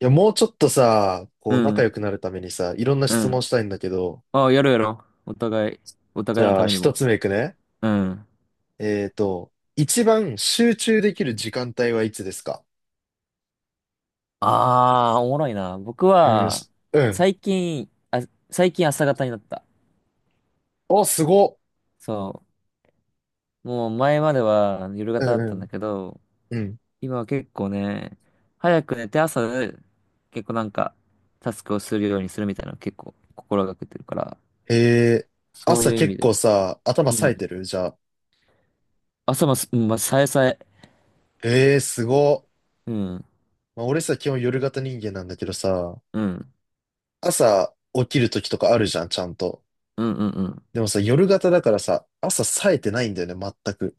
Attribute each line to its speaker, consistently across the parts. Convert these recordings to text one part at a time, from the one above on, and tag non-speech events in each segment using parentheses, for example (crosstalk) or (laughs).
Speaker 1: いや、もうちょっとさ、こ
Speaker 2: う
Speaker 1: う、仲良
Speaker 2: ん、
Speaker 1: くなるためにさ、いろんな
Speaker 2: う
Speaker 1: 質
Speaker 2: ん。
Speaker 1: 問したいんだけど、
Speaker 2: ああ、やろうやろう。お互い、お
Speaker 1: じ
Speaker 2: 互いの
Speaker 1: ゃ
Speaker 2: た
Speaker 1: あ、
Speaker 2: めに
Speaker 1: 一
Speaker 2: も。
Speaker 1: つ目いくね。
Speaker 2: うん。
Speaker 1: 一番集中できる時間帯はいつですか？
Speaker 2: ああ、おもろいな。僕
Speaker 1: うん、
Speaker 2: は、
Speaker 1: うん。
Speaker 2: 最近、最近朝方になった。
Speaker 1: お、すごっ。
Speaker 2: そう。もう前までは夜
Speaker 1: う
Speaker 2: 型だったんだ
Speaker 1: ん
Speaker 2: けど、
Speaker 1: うん。
Speaker 2: 今は結構ね、早く寝て朝、結構なんか、タスクをするようにするみたいなの結構心がけてるから、
Speaker 1: へえー、
Speaker 2: そう
Speaker 1: 朝
Speaker 2: いう意
Speaker 1: 結
Speaker 2: 味
Speaker 1: 構
Speaker 2: で。
Speaker 1: さ、頭
Speaker 2: う
Speaker 1: 冴えて
Speaker 2: ん。
Speaker 1: るじゃあ。
Speaker 2: 朝もす、うん、まあ、さえさえ。
Speaker 1: へえー、すごっ。
Speaker 2: うん。
Speaker 1: まあ、俺さ、基本夜型人間なんだけどさ、
Speaker 2: うん。
Speaker 1: 朝起きる時とかあるじゃん、ちゃんと。
Speaker 2: うんうんうん。
Speaker 1: でもさ、夜型だからさ、朝冴えてないんだよね、全く。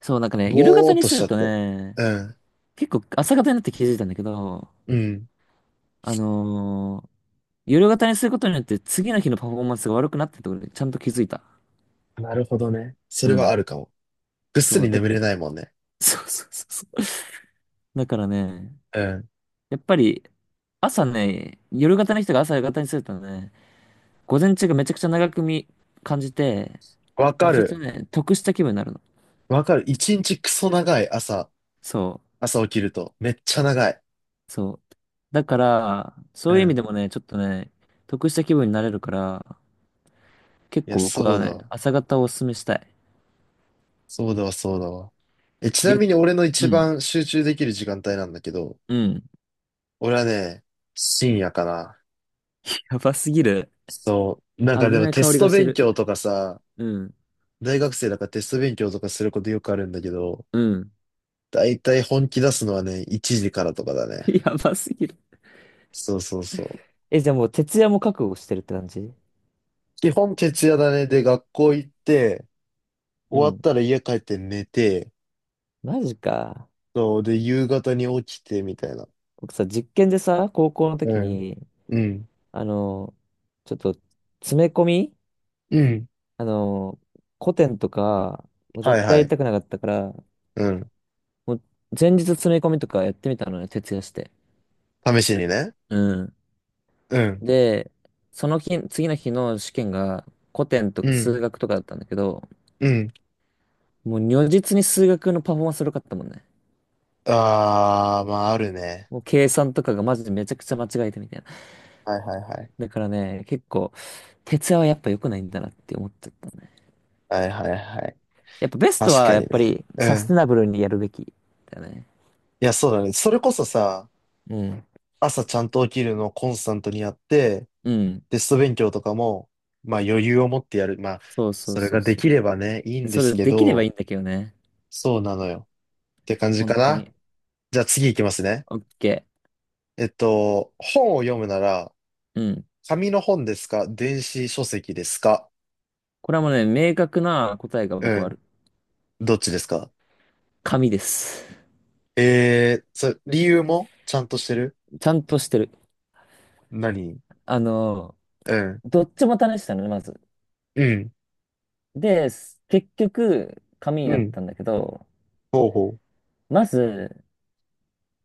Speaker 2: そう、なんかね、夜
Speaker 1: ぼ
Speaker 2: 型
Speaker 1: ーっ
Speaker 2: に
Speaker 1: と
Speaker 2: す
Speaker 1: しち
Speaker 2: る
Speaker 1: ゃっ
Speaker 2: と
Speaker 1: て。
Speaker 2: ね、
Speaker 1: うん、
Speaker 2: 結構朝方になって気づいたんだけど、
Speaker 1: うん。
Speaker 2: あのー夜型にすることによって次の日のパフォーマンスが悪くなってるところでちゃんと気づいた。
Speaker 1: なるほどね。そ
Speaker 2: う
Speaker 1: れはあ
Speaker 2: ん。
Speaker 1: るかも。ぐっす
Speaker 2: そう、
Speaker 1: り
Speaker 2: だ、
Speaker 1: 眠れないもんね。
Speaker 2: (laughs) そうそうそうそう。だからね、
Speaker 1: うん。
Speaker 2: やっぱり朝ね、夜型の人が朝型にするとね、午前中がめちゃくちゃ長く見、感じて、
Speaker 1: わか
Speaker 2: めちゃくちゃ
Speaker 1: る。
Speaker 2: ね、得した気分になるの。
Speaker 1: わかる。一日クソ長い朝、
Speaker 2: そ
Speaker 1: 朝起きると。めっちゃ長い。
Speaker 2: う、そう。だから、そ
Speaker 1: う
Speaker 2: ういう意味
Speaker 1: ん。
Speaker 2: でもね、ちょっとね、得した気分になれるから、結
Speaker 1: いや、
Speaker 2: 構僕
Speaker 1: そう
Speaker 2: は
Speaker 1: だ
Speaker 2: ね、
Speaker 1: わ。
Speaker 2: 朝方をおすすめしたい。
Speaker 1: そうだわ、そうだわ。え、ちなみに
Speaker 2: 逆、
Speaker 1: 俺の
Speaker 2: う
Speaker 1: 一
Speaker 2: ん。
Speaker 1: 番集中できる時間帯なんだけど、
Speaker 2: うん。
Speaker 1: 俺はね、深夜かな。
Speaker 2: やばすぎる。
Speaker 1: そう。なんか
Speaker 2: 危
Speaker 1: でも
Speaker 2: ない
Speaker 1: テ
Speaker 2: 香
Speaker 1: ス
Speaker 2: りが
Speaker 1: ト
Speaker 2: して
Speaker 1: 勉
Speaker 2: る。
Speaker 1: 強とかさ、
Speaker 2: うん。
Speaker 1: 大学生だからテスト勉強とかすることよくあるんだけど、
Speaker 2: うん。
Speaker 1: だいたい本気出すのはね、1時からとかだ
Speaker 2: (laughs)
Speaker 1: ね。
Speaker 2: やばすぎる。
Speaker 1: そう。
Speaker 2: え、じゃあもう徹夜も覚悟してるって感じ？
Speaker 1: 基本徹夜だね。で、学校行って、
Speaker 2: う
Speaker 1: 終わっ
Speaker 2: ん。
Speaker 1: たら家帰って寝て、
Speaker 2: マジか。
Speaker 1: そう、で、夕方に起きて、みたいな。
Speaker 2: 僕さ、実験でさ、高校の
Speaker 1: う
Speaker 2: 時
Speaker 1: ん。
Speaker 2: に、
Speaker 1: うん。
Speaker 2: あの、ちょっと、詰め込み、
Speaker 1: うん。
Speaker 2: あの、古典とか、もう
Speaker 1: はい
Speaker 2: 絶対
Speaker 1: は
Speaker 2: やり
Speaker 1: い。
Speaker 2: たくなかったから、
Speaker 1: うん。
Speaker 2: もう前日詰め込みとかやってみたのよ、徹夜して。
Speaker 1: 試しにね。
Speaker 2: うん。
Speaker 1: うん。
Speaker 2: で、その日、次の日の試験が古典と
Speaker 1: う
Speaker 2: か
Speaker 1: ん。
Speaker 2: 数学とかだったんだけど、
Speaker 1: うん。
Speaker 2: もう如実に数学のパフォーマンス良かったもんね。
Speaker 1: あー、まあ、あるね。
Speaker 2: もう計算とかがマジでめちゃくちゃ間違えてみたいな。
Speaker 1: はいはいはい。
Speaker 2: だからね、結構、徹夜はやっぱ良くないんだなって思っちゃったね。
Speaker 1: はいはいはい。
Speaker 2: やっぱベスト
Speaker 1: 確
Speaker 2: は
Speaker 1: か
Speaker 2: やっ
Speaker 1: に
Speaker 2: ぱ
Speaker 1: ね。
Speaker 2: り
Speaker 1: う
Speaker 2: サステ
Speaker 1: ん。
Speaker 2: ナブルにやるべきだよね。
Speaker 1: いや、そうだね。それこそさ、
Speaker 2: うん。
Speaker 1: 朝ちゃんと起きるのをコンスタントにやって、
Speaker 2: うん。
Speaker 1: テスト勉強とかも、まあ余裕を持ってやる。まあ、
Speaker 2: そうそう
Speaker 1: それ
Speaker 2: そ
Speaker 1: が
Speaker 2: う
Speaker 1: で
Speaker 2: そ
Speaker 1: きれ
Speaker 2: う。
Speaker 1: ばね、いい
Speaker 2: で
Speaker 1: んで
Speaker 2: そ
Speaker 1: す
Speaker 2: れ
Speaker 1: け
Speaker 2: できればいい
Speaker 1: ど、
Speaker 2: んだけどね。
Speaker 1: そうなのよ。って感じ
Speaker 2: 本
Speaker 1: か
Speaker 2: 当
Speaker 1: な。
Speaker 2: に。
Speaker 1: じゃあ次行きますね。
Speaker 2: オッケ
Speaker 1: 本を読むなら、
Speaker 2: ー。うん。
Speaker 1: 紙の本ですか？電子書籍ですか？
Speaker 2: これはもうね、明確な答えが僕
Speaker 1: う
Speaker 2: はあ
Speaker 1: ん。
Speaker 2: る。
Speaker 1: どっちですか？
Speaker 2: 紙です。
Speaker 1: えー、それ、理由もちゃんとしてる？
Speaker 2: ちゃんとしてる。
Speaker 1: 何？
Speaker 2: あの、
Speaker 1: うん。
Speaker 2: どっちも試したのね、まず。
Speaker 1: うん。
Speaker 2: で、す結局、紙に
Speaker 1: う
Speaker 2: なっ
Speaker 1: ん。
Speaker 2: たんだけど、
Speaker 1: ほうほ
Speaker 2: まず、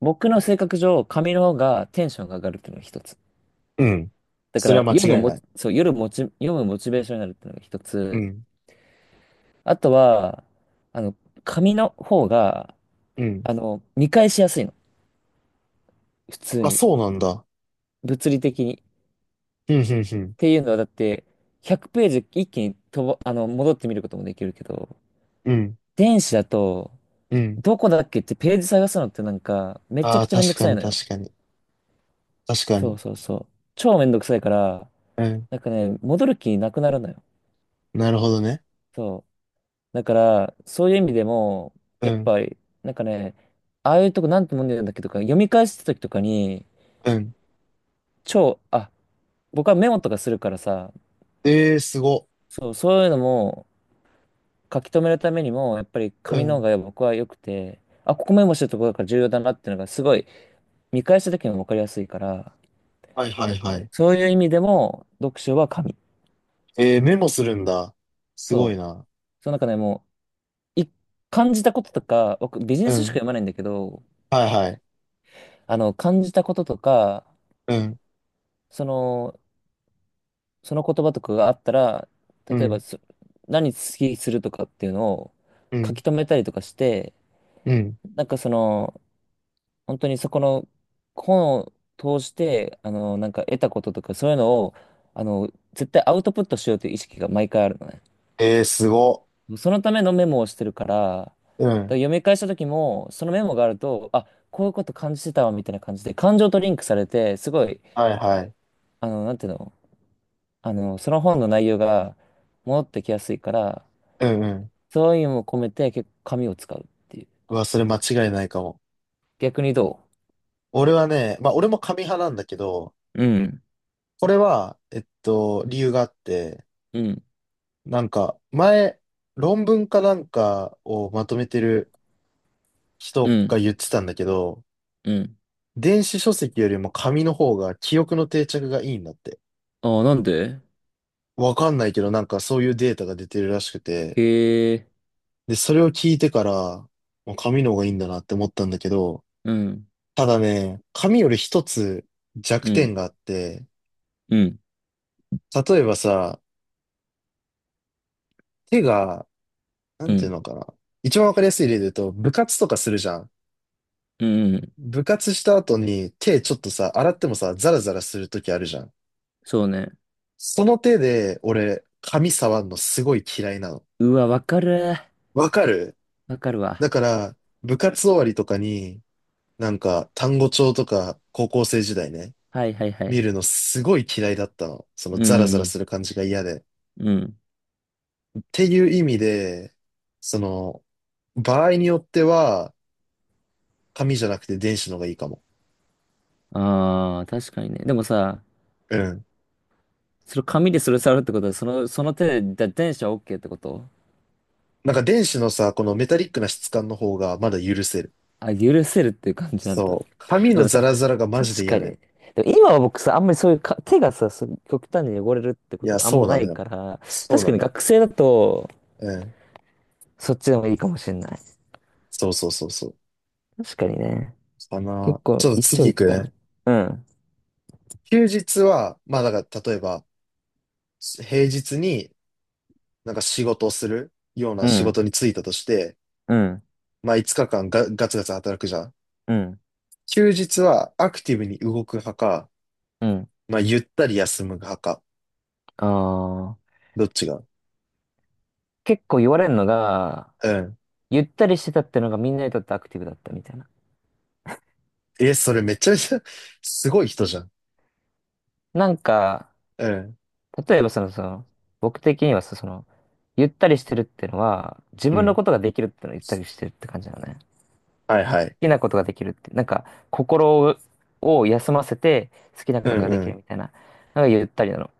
Speaker 2: 僕の性格上、紙の方がテンションが上がるっていうのが一つ。
Speaker 1: う。うん。
Speaker 2: だか
Speaker 1: それ
Speaker 2: ら、
Speaker 1: は間
Speaker 2: 読む
Speaker 1: 違い
Speaker 2: も、
Speaker 1: ない。
Speaker 2: そう、夜もち、読むモチベーションになるっていうのが一
Speaker 1: う
Speaker 2: つ。
Speaker 1: ん。
Speaker 2: あとは、あの、紙の方が、
Speaker 1: うん。
Speaker 2: 見返しやすいの。普通
Speaker 1: あ、
Speaker 2: に。
Speaker 1: そうなんだ。
Speaker 2: 物理的に。っ
Speaker 1: うん、うん、
Speaker 2: ていうのは、だって、100ページ一気にとば、戻ってみることもできるけど、
Speaker 1: うん。うん。
Speaker 2: 電子だと、
Speaker 1: うん。
Speaker 2: どこだっけってページ探すのってなんか、めちゃ
Speaker 1: あ
Speaker 2: く
Speaker 1: あ、
Speaker 2: ちゃめんど
Speaker 1: 確
Speaker 2: く
Speaker 1: か
Speaker 2: さい
Speaker 1: に、
Speaker 2: のよ。
Speaker 1: 確かに。確か
Speaker 2: そう
Speaker 1: に。
Speaker 2: そうそう。超めんどくさいから、
Speaker 1: うん。
Speaker 2: なんかね、戻る気なくなるのよ。
Speaker 1: なるほどね。
Speaker 2: そう。だから、そういう意味でも、
Speaker 1: う
Speaker 2: やっ
Speaker 1: ん。
Speaker 2: ぱり、なんかね、ああいうとこなんてもんでるんだっけとか、読み返すときとかに、
Speaker 1: うん。
Speaker 2: 超、あ、僕はメモとかするからさ、
Speaker 1: えー、すご。
Speaker 2: そう、そういうのも書き留めるためにも、やっぱり
Speaker 1: う
Speaker 2: 紙の方
Speaker 1: ん。
Speaker 2: が僕は良くて、あ、ここメモしてるところから重要だなっていうのがすごい見返した時にも分かりやすいから、
Speaker 1: はいはいはい。
Speaker 2: そういう意味でも読書は紙。
Speaker 1: えー、メモするんだ。すごい
Speaker 2: そう。
Speaker 1: な。
Speaker 2: その中でもうい感じたこととか、僕ビジ
Speaker 1: う
Speaker 2: ネス書しか
Speaker 1: ん。
Speaker 2: 読まないんだけど、
Speaker 1: はいはい。
Speaker 2: 感じたこととか、
Speaker 1: うん。
Speaker 2: その、その言葉とかがあったら、
Speaker 1: う
Speaker 2: 例えば
Speaker 1: ん。
Speaker 2: そ、何好きするとかっていうのを
Speaker 1: う
Speaker 2: 書
Speaker 1: ん。
Speaker 2: き留めたりとかして、
Speaker 1: うん。
Speaker 2: なんかその、本当にそこの本を通して、なんか得たこととか、そういうのを、絶対アウトプットしようという意識が毎回あるのね。
Speaker 1: えー、すご。
Speaker 2: そのためのメモをしてるから、だから
Speaker 1: うん。
Speaker 2: 読み返した時も、そのメモがあると、あ、こういうこと感じてたわ、みたいな感じで、感情とリンクされて、すごい、
Speaker 1: はいはい。
Speaker 2: なんていうの、その本の内容が戻ってきやすいから、
Speaker 1: うんうん。
Speaker 2: そういうのも込めて、結構紙を使うっていう。
Speaker 1: うわ、それ間違いないかも。
Speaker 2: 逆にど
Speaker 1: 俺はね、まあ俺も紙派なんだけど、
Speaker 2: う？うん、
Speaker 1: これは、理由があって、
Speaker 2: うん、
Speaker 1: なんか、前、論文かなんかをまとめてる
Speaker 2: う
Speaker 1: 人が
Speaker 2: ん、
Speaker 1: 言ってたんだけど、
Speaker 2: うん。
Speaker 1: 電子書籍よりも紙の方が記憶の定着がいいんだって。
Speaker 2: ああ、なんで？
Speaker 1: わかんないけど、なんかそういうデータが出てるらしくて、
Speaker 2: へえ、
Speaker 1: で、それを聞いてから、もう紙の方がいいんだなって思ったんだけど、
Speaker 2: うん、
Speaker 1: ただね、紙より一つ
Speaker 2: う
Speaker 1: 弱点
Speaker 2: ん、
Speaker 1: があって、
Speaker 2: うん、
Speaker 1: 例えばさ、手が、な
Speaker 2: う
Speaker 1: んていう
Speaker 2: ん、
Speaker 1: のかな。一番わかりやすい例で言うと、部活とかするじゃん。
Speaker 2: うん、うん。
Speaker 1: 部活した後に手ちょっとさ、洗ってもさ、ザラザラするときあるじゃん。
Speaker 2: そうね。
Speaker 1: その手で、俺、紙触んのすごい嫌いなの。
Speaker 2: うわ、わかる。
Speaker 1: わかる？
Speaker 2: わかるわ。
Speaker 1: だから、部活終わりとかに、なんか、単語帳とか、高校生時代ね。
Speaker 2: はいはいは
Speaker 1: 見
Speaker 2: い。
Speaker 1: るのすごい嫌いだったの。そ
Speaker 2: う
Speaker 1: のザラザ
Speaker 2: ん、う
Speaker 1: ラ
Speaker 2: ん。
Speaker 1: する感じが嫌で。
Speaker 2: うん。
Speaker 1: っていう意味で、その、場合によっては、紙じゃなくて電子の方がいいかも。
Speaker 2: ああ、確かにね。でもさ、
Speaker 1: うん。
Speaker 2: それ紙でそれ触るってことは、その、その手でだ電車 OK ってこと？
Speaker 1: なんか電子のさ、このメタリックな質感の方がまだ許せる。
Speaker 2: あ、許せるっていう感じなんだ。
Speaker 1: そう。紙
Speaker 2: で
Speaker 1: の
Speaker 2: も
Speaker 1: ザ
Speaker 2: さ、
Speaker 1: ラザラがマ
Speaker 2: 確
Speaker 1: ジで
Speaker 2: か
Speaker 1: 嫌
Speaker 2: に
Speaker 1: で。
Speaker 2: ね。でも今は僕さ、あんまりそういうか、手がさ、そう極端に汚れるってこ
Speaker 1: い
Speaker 2: と
Speaker 1: や、
Speaker 2: があん
Speaker 1: そう
Speaker 2: まな
Speaker 1: なの
Speaker 2: い
Speaker 1: よ。
Speaker 2: から、
Speaker 1: そう
Speaker 2: 確
Speaker 1: な
Speaker 2: かに
Speaker 1: のよ。
Speaker 2: 学生だと、
Speaker 1: うん。
Speaker 2: そっちでもいいかもしれない。
Speaker 1: そうそうそうそう。
Speaker 2: 確かにね。
Speaker 1: かな。
Speaker 2: 結
Speaker 1: ち
Speaker 2: 構、
Speaker 1: ょっと
Speaker 2: 一長
Speaker 1: 次行
Speaker 2: 一
Speaker 1: く
Speaker 2: 短。
Speaker 1: ね。
Speaker 2: うん、
Speaker 1: 休日は、まあだから、例えば、平日になんか仕事をするような
Speaker 2: う
Speaker 1: 仕
Speaker 2: ん、
Speaker 1: 事に就いたとして、
Speaker 2: うん、
Speaker 1: まあ5日間ガツガツ働くじゃん。
Speaker 2: うん、
Speaker 1: 休日はアクティブに動く派か、
Speaker 2: うん。
Speaker 1: まあゆったり休む派か。
Speaker 2: ああ、
Speaker 1: どっちが？
Speaker 2: 結構言われるのが、
Speaker 1: うん。
Speaker 2: ゆったりしてたってのがみんなにとってアクティブだったみたいな。
Speaker 1: え、それめちゃめちゃ (laughs) すごい人じゃん。
Speaker 2: なんか、
Speaker 1: うん。
Speaker 2: 例えばその、その、僕的にはさ、その、ゆったりしてるっていうのは、自
Speaker 1: う
Speaker 2: 分の
Speaker 1: ん。
Speaker 2: ことができるっていうのはゆったりしてるって感じなのね。好
Speaker 1: はいはい。
Speaker 2: きなことができるって、なんか、心を休ませて好きな
Speaker 1: う
Speaker 2: ことが
Speaker 1: ん
Speaker 2: で
Speaker 1: う
Speaker 2: きる
Speaker 1: ん。
Speaker 2: みたいな、なんかゆったりなの。だか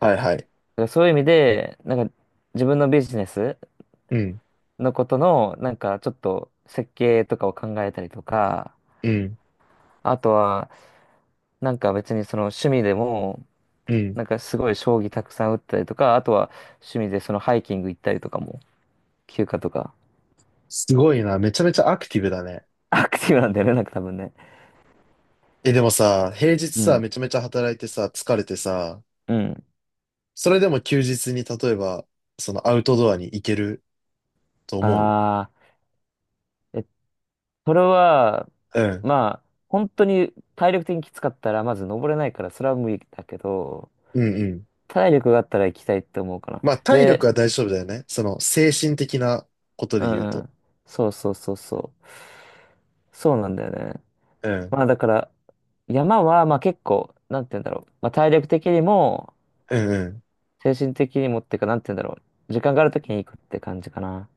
Speaker 1: はいはい。
Speaker 2: らそういう意味で、なんか、自分のビジネス
Speaker 1: うん。
Speaker 2: のことの、なんか、ちょっと設計とかを考えたりとか、
Speaker 1: うん。
Speaker 2: あとは、なんか別にその趣味でも、
Speaker 1: うん。
Speaker 2: なんかすごい将棋たくさん打ったりとか、あとは趣味でそのハイキング行ったりとかも、休暇とか。
Speaker 1: すごいな。めちゃめちゃアクティブだね。
Speaker 2: (laughs) アクティブなんだよね、なんか多分ね。
Speaker 1: え、でもさ、平日
Speaker 2: う
Speaker 1: さ、
Speaker 2: ん。
Speaker 1: めちゃめちゃ働いてさ、疲れてさ、
Speaker 2: うん。
Speaker 1: それでも休日に例えば、そのアウトドアに行けると思う？
Speaker 2: ああ、え、それは、
Speaker 1: うん。
Speaker 2: まあ、本当に体力的にきつかったら、まず登れないから、それは無理だけど、
Speaker 1: うんうん。
Speaker 2: 体力があったら行きたいって思うかな。
Speaker 1: まあ、体力
Speaker 2: で、
Speaker 1: は大丈夫だよね。その、精神的なこと
Speaker 2: う
Speaker 1: で
Speaker 2: ん
Speaker 1: 言う
Speaker 2: う
Speaker 1: と。
Speaker 2: ん。そうそうそうそう。そうなんだよね。
Speaker 1: うん。
Speaker 2: まあだから、山は、まあ結構、なんて言うんだろう。まあ体力的にも、
Speaker 1: うんうん。
Speaker 2: 精神的にもっていうか、なんて言うんだろう。時間がある時に行くって感じかな。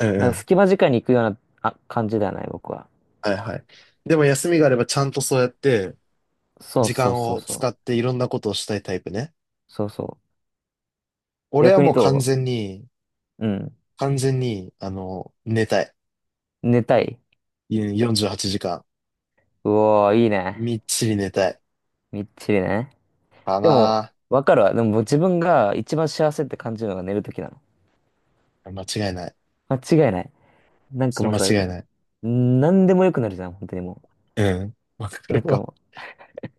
Speaker 1: うんう
Speaker 2: なんか
Speaker 1: ん。
Speaker 2: 隙間時間に行くような、あ、感じではない、僕は。
Speaker 1: はいはい。でも休みがあればちゃんとそうやって、
Speaker 2: そう
Speaker 1: 時
Speaker 2: そう
Speaker 1: 間
Speaker 2: そう
Speaker 1: を
Speaker 2: そう。
Speaker 1: 使っていろんなことをしたいタイプね。
Speaker 2: そうそう。
Speaker 1: 俺は
Speaker 2: 逆に
Speaker 1: もう完
Speaker 2: ど
Speaker 1: 全に、
Speaker 2: う？うん。
Speaker 1: 完全に、あの、寝たい。
Speaker 2: 寝たい。
Speaker 1: うん48時間。
Speaker 2: うおー、いいね。
Speaker 1: みっちり寝たい。
Speaker 2: みっちりね。
Speaker 1: か
Speaker 2: でも、
Speaker 1: な
Speaker 2: わかるわ。でも自分が一番幸せって感じるのが寝るときなの。
Speaker 1: ぁ。間違いない。
Speaker 2: 間違いない。なんか
Speaker 1: それ
Speaker 2: もう
Speaker 1: 間
Speaker 2: さ、
Speaker 1: 違いない。
Speaker 2: なんでもよくなるじゃん、本当にも
Speaker 1: うん。わか
Speaker 2: う。なん
Speaker 1: る
Speaker 2: か
Speaker 1: わ。
Speaker 2: も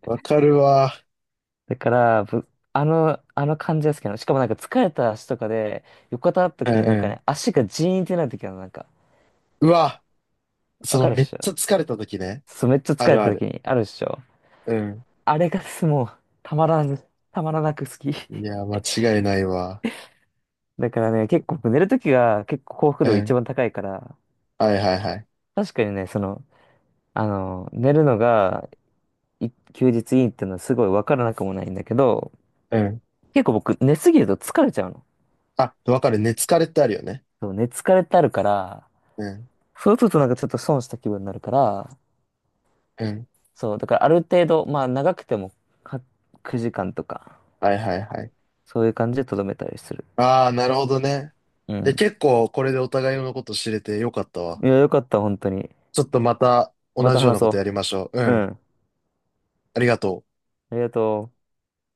Speaker 1: わかるわ。
Speaker 2: う。だから、ぶ、あの感じが好きなの。しかもなんか疲れた足とかで、横たわったと
Speaker 1: うん
Speaker 2: きになんか
Speaker 1: う
Speaker 2: ね、足がジーンってなるときなの、なんか。
Speaker 1: ん。うわ、そ
Speaker 2: わ
Speaker 1: の
Speaker 2: かるっ
Speaker 1: めっ
Speaker 2: しょ？
Speaker 1: ちゃ疲れた時ね。
Speaker 2: そう、めっちゃ
Speaker 1: あ
Speaker 2: 疲れ
Speaker 1: る
Speaker 2: た
Speaker 1: あ
Speaker 2: とき
Speaker 1: る。
Speaker 2: にあるっしょ？
Speaker 1: うん。
Speaker 2: あれがもう、たまらな、たまらなく好き。
Speaker 1: いや、間違いないわ。
Speaker 2: だからね、結構寝るときが結構幸福
Speaker 1: う
Speaker 2: 度が一
Speaker 1: ん。
Speaker 2: 番高いから、
Speaker 1: はいはいはい。
Speaker 2: 確かにね、その、寝るのがい休日いいっていうのはすごいわからなくもないんだけど、
Speaker 1: うん。
Speaker 2: 結構僕寝すぎると疲れちゃうの。
Speaker 1: あ、わかる。寝疲れってあるよね。
Speaker 2: そう、寝疲れってあるから、
Speaker 1: うん。
Speaker 2: そうするとなんかちょっと損した気分になるから、
Speaker 1: うん。
Speaker 2: そう、だからある程度、まあ長くてもは9時間とか、
Speaker 1: はいはいはい。
Speaker 2: そういう感じでとどめたりする。
Speaker 1: ああ、なるほどね。
Speaker 2: う
Speaker 1: で、
Speaker 2: ん。
Speaker 1: 結構これでお互いのこと知れてよかったわ。
Speaker 2: いや、よかった、本当に。
Speaker 1: ちょっとまた
Speaker 2: ま
Speaker 1: 同
Speaker 2: た
Speaker 1: じよう
Speaker 2: 話
Speaker 1: なこと
Speaker 2: そ
Speaker 1: やりましょう。う
Speaker 2: う。う
Speaker 1: ん。
Speaker 2: ん。
Speaker 1: ありがとう。
Speaker 2: ありがとう。